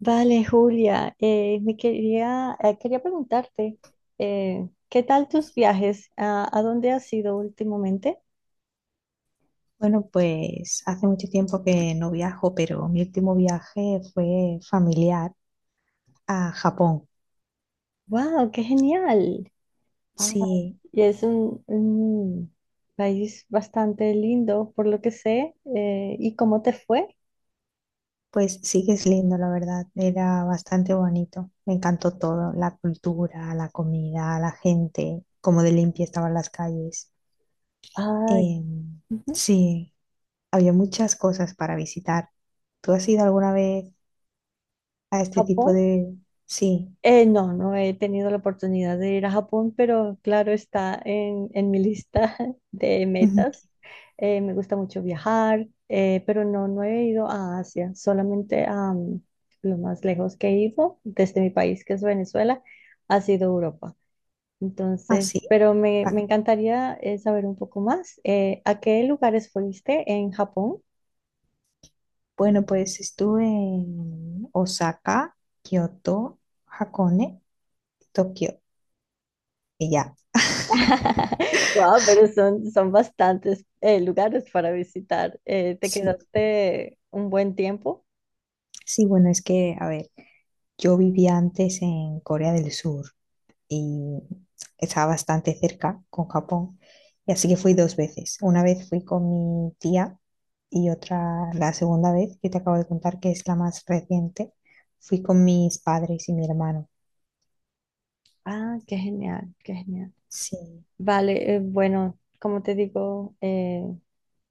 Vale, Julia, me quería, quería preguntarte, ¿qué tal tus viajes? ¿A dónde has ido últimamente? Bueno, pues hace mucho tiempo que no viajo, pero mi último viaje fue familiar a Japón. ¡Wow, qué genial! Ah, Sí, y es un país bastante lindo, por lo que sé. ¿Y cómo te fue? pues sí que es lindo, la verdad. Era bastante bonito. Me encantó todo, la cultura, la comida, la gente, cómo de limpia estaban las calles. Ah, Em, ujú, sí, había muchas cosas para visitar. ¿Tú has ido alguna vez a este tipo Japón. de... Sí, No, no he tenido la oportunidad de ir a Japón, pero claro, está en mi lista de ujú. metas. Me gusta mucho viajar, pero no, no he ido a Asia, solamente a lo más lejos que he ido desde mi país, que es Venezuela, ha sido Europa. Ah, Entonces, sí. pero me Ah, encantaría saber un poco más. ¿A qué lugares fuiste en Japón? bueno, pues estuve en Osaka, Kioto, Hakone, Tokio y ya. Wow, pero son, son bastantes lugares para visitar. ¿Te Sí, quedaste un buen tiempo? sí, bueno, es que, a ver, yo vivía antes en Corea del Sur y estaba bastante cerca con Japón, y así que fui dos veces. Una vez fui con mi tía y otra, la segunda vez que te acabo de contar, que es la más reciente, fui con mis padres y mi hermano. Ah, qué genial, qué genial. Sí, Vale, bueno, como te digo, eh,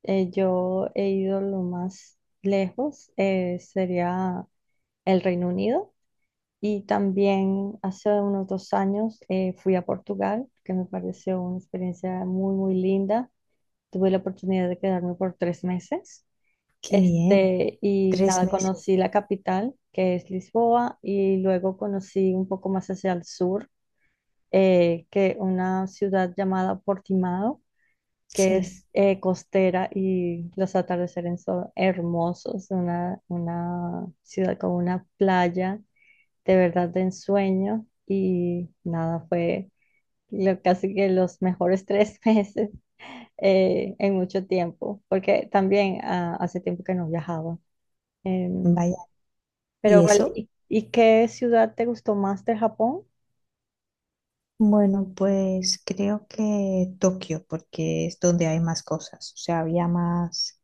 eh, yo he ido lo más lejos, sería el Reino Unido. Y también hace unos 2 años fui a Portugal, que me pareció una experiencia muy, muy linda. Tuve la oportunidad de quedarme por 3 meses. qué bien. Este, y Tres nada, meses. conocí la capital, que es Lisboa, y luego conocí un poco más hacia el sur, que una ciudad llamada Portimao, que Sí, es costera y los atardeceres son hermosos, una ciudad con una playa de verdad de ensueño, y nada, fue casi que los mejores 3 meses en mucho tiempo, porque también ah, hace tiempo que no viajaba. Em, vaya. Pero ¿Y vale, eso? Y qué ciudad te gustó más de Japón? Bueno, pues creo que Tokio, porque es donde hay más cosas, o sea, había más,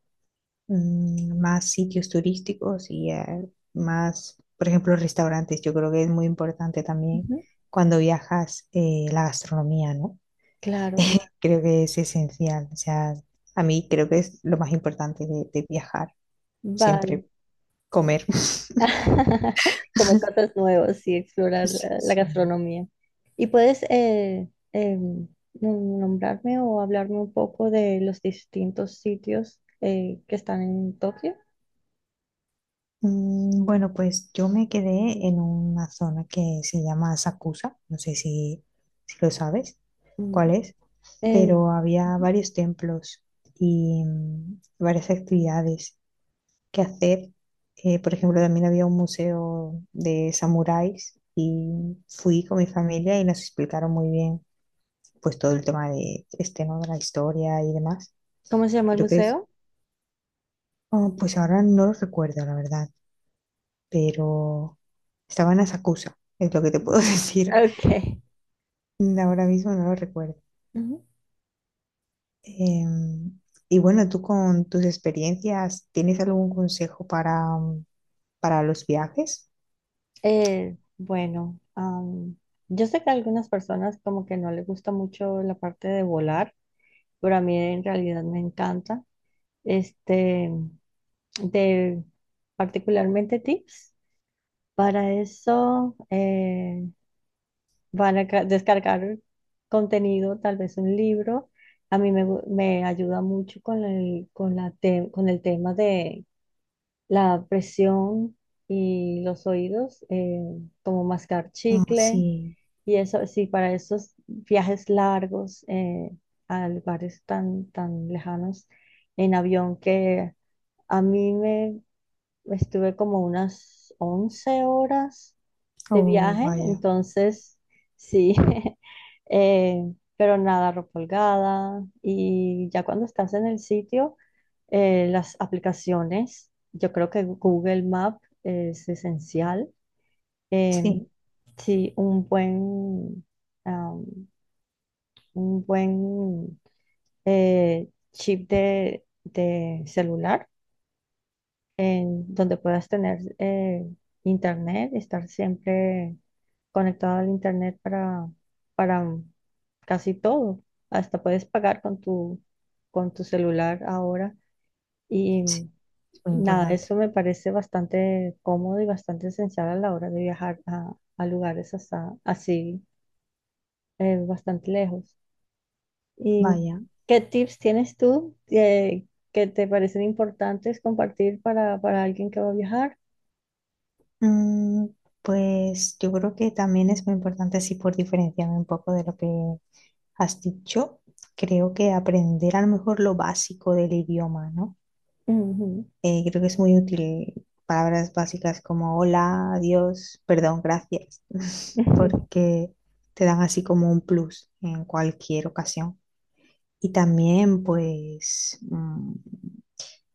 más sitios turísticos y más, por ejemplo, restaurantes. Yo creo que es muy importante también Ujú, cuando viajas, la gastronomía, ¿no? claro, claro. Creo que es esencial, o sea, a mí creo que es lo más importante de viajar, Vale. siempre comer. Comer cosas nuevas y explorar Sí, la sí. gastronomía. ¿Y puedes nombrarme o hablarme un poco de los distintos sitios que están en Tokio? Bueno, pues yo me quedé en una zona que se llama Sakusa, no sé si lo sabes Mm, cuál es, en- pero había ujú. varios templos y varias actividades que hacer. Por ejemplo, también había un museo de samuráis y fui con mi familia y nos explicaron muy bien pues todo el tema de este, ¿no?, de la historia y demás. ¿Cómo se llama el Creo que es, museo? oh, pues ahora no lo recuerdo, la verdad. Pero estaban a Sakusa, es lo que te puedo Ujú. decir. Ok. Ahora mismo no lo recuerdo. Ujú. Em, y bueno, tú con tus experiencias, ¿tienes algún consejo para los viajes? Bueno, yo sé que a algunas personas como que no les gusta mucho la parte de volar, pero a mí en realidad me encanta. Este, de particularmente tips. Para eso van a descargar contenido, tal vez un libro. A mí me ayuda mucho con el, con la te- con el tema de la presión y los oídos, como mascar Oh, chicle, sí, y eso sí, para esos viajes largos a lugares tan, tan lejanos en avión que a mí me estuve como unas 11 horas de oh, viaje, vaya, entonces sí, eh, pero nada, ropa holgada y ya cuando estás en el sitio, las aplicaciones, yo creo que Google Map es esencial. Eh, sí, sí, un buen, am, un buen chip de celular en donde puedas tener internet, estar siempre conectado al internet para casi todo. Hasta puedes pagar con con tu celular ahora. Y sí, es muy nada, importante. eso me parece bastante cómodo y bastante esencial a la hora de viajar a lugares así, bastante lejos. ¿Y Vaya, qué tips tienes tú que te parecen importantes compartir para alguien que va a viajar? Mm, pues yo creo que también es muy importante, así por diferenciarme un poco de lo que has dicho, creo que aprender a lo mejor lo básico del idioma, ¿no? Ujú. Creo que es muy útil palabras básicas como hola, adiós, perdón, gracias, porque te dan así como un plus en cualquier ocasión. Y también, pues,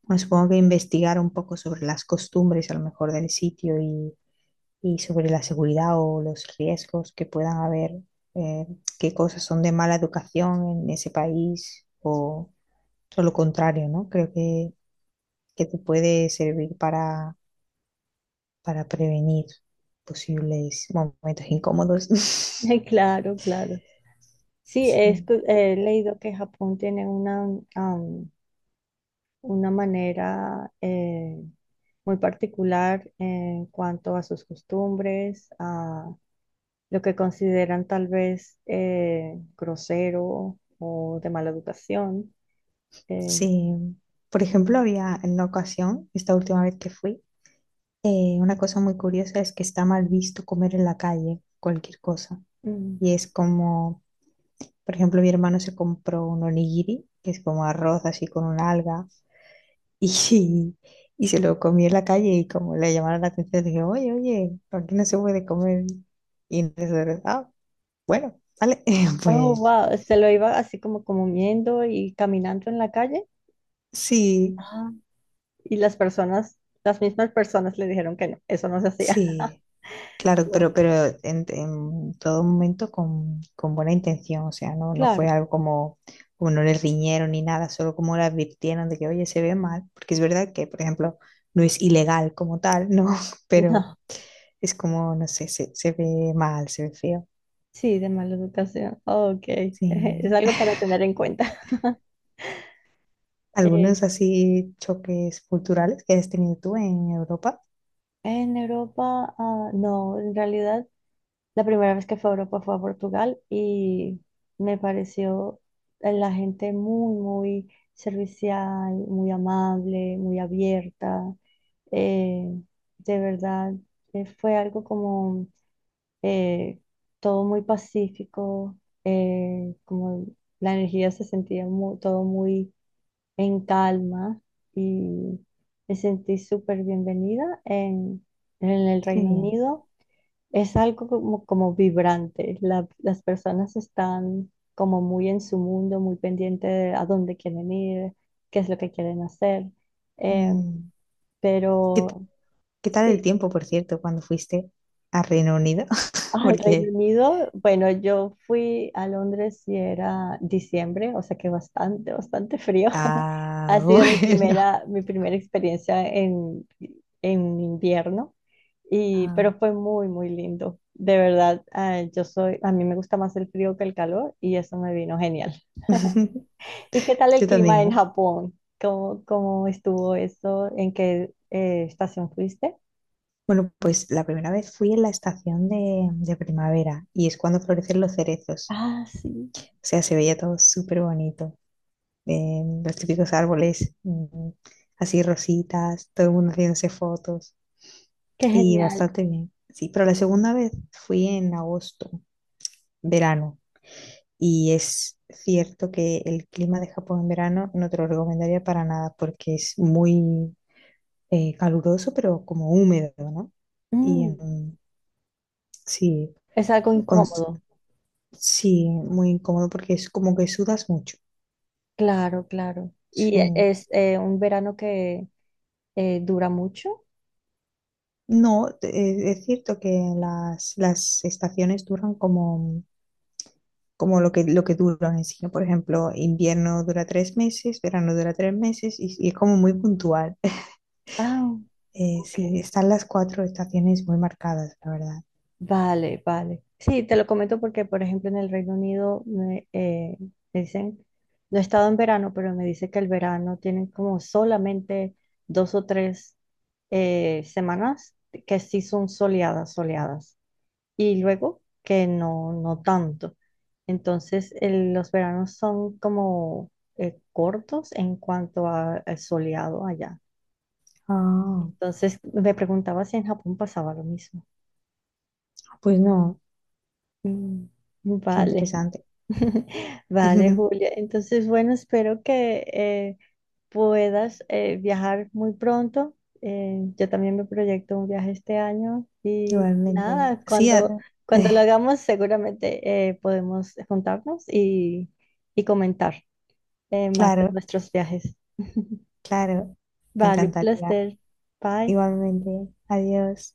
bueno, supongo que investigar un poco sobre las costumbres a lo mejor del sitio y sobre la seguridad o los riesgos que puedan haber, eh, qué cosas son de mala educación en ese país o todo lo contrario, ¿no? Creo que te puede servir para prevenir posibles momentos incómodos. Ay, claro, claro. Sí, Sí, he leído que Japón tiene una, una manera muy particular en cuanto a sus costumbres, a lo que consideran tal vez grosero o de mala educación. Eh, sí. Por ejemplo, había en una ocasión, esta última vez que fui, una cosa muy curiosa es que está mal visto comer en la calle cualquier cosa. mm. Y es como, por ejemplo, mi hermano se compró un onigiri, que es como arroz así con un alga, y, y se lo comió en la calle y como le llamaron la atención, dije, oye, oye, aquí no se puede comer. Y entonces, ah, bueno, vale, Oh, pues wow, se lo iba así como comiendo y caminando en la calle. sí, Ah. Y las personas, las mismas personas le dijeron que no, eso no se hacía. sí, claro, pero, pero en todo momento con buena intención, o sea, no, no fue Claro, algo como, como no le riñeron ni nada, solo como le advirtieron de que, oye, se ve mal, porque es verdad que, por ejemplo, no es ilegal como tal, ¿no? Pero no, es como, no sé, se ve mal, se ve feo. sí, de mala educación. Ok, es Sí. algo para tener en cuenta. Eh, Algunos así choques culturales que has tenido tú en Europa. en Europa, ah, no, en realidad, la primera vez que fue a Europa fue a Portugal y me pareció la gente muy, muy servicial, muy amable, muy abierta. Eh, de verdad, fue algo como eh, todo muy pacífico, como la energía todo muy en calma y me sentí súper bienvenida en el Qué Reino bien. Unido. Es algo como, como vibrante. Las personas están como muy en su mundo, muy pendiente de a dónde quieren ir, qué es lo que quieren hacer. Eh, Mm, ¿Qué, t- pero qué tal el sí, tiempo, por cierto, cuando fuiste a Reino Unido? al Reino Porque... Unido, bueno, yo fui a Londres y era diciembre, o sea que bastante, bastante frío. Ha Ah, sido bueno. Mi primera experiencia en invierno, y, Ah. pero fue muy, muy lindo. De verdad, ah, a mí me gusta más el frío que el calor y eso me vino genial. ¿Y qué tal el Yo también, clima en ¿eh? Japón? ¿Cómo, cómo estuvo eso? ¿En qué estación fuiste? Bueno, pues la primera vez fui en la estación de primavera y es cuando florecen los cerezos. Ah, sí, O sea, se veía todo súper bonito. Los típicos árboles, así rositas, todo el mundo haciéndose fotos qué y genial. bastante bien. Sí, pero la segunda vez fui en agosto, verano, y es cierto que el clima de Japón en verano no te lo recomendaría para nada porque es muy, caluroso, pero como húmedo, ¿no? Y Mm, sí, es algo con- incómodo. sí, muy incómodo porque es como que sudas mucho. Claro, claro. ¿Y Sí. es un verano que dura mucho? No, es cierto que las estaciones duran como, como lo que duran en sí, ¿no? Por ejemplo, invierno dura 3 meses, verano dura 3 meses y es como muy puntual. Ah, ok. sí, están las cuatro estaciones muy marcadas, la verdad. Vale, vale. Sí, te lo comento porque, por ejemplo, en el Reino Unido me dicen, no he estado en verano, pero me dice que el verano tienen como solamente 2 o 3 semanas que sí son soleadas, soleadas. Y luego que no, no tanto. Entonces, los veranos son como cortos en cuanto a soleado allá. Ah, Entonces, me preguntaba si en Japón pasaba lo mismo. pues no, Mm, qué vale, interesante. vale, Julia. Entonces, bueno, espero que puedas viajar muy pronto. Yo también me proyecto un viaje este año y Igualmente. nada, Sí, cuando, cuando lo hagamos seguramente podemos juntarnos y comentar más de claro, nuestros viajes. claro, me Vale, un encantaría. placer. Bye. Igualmente, adiós.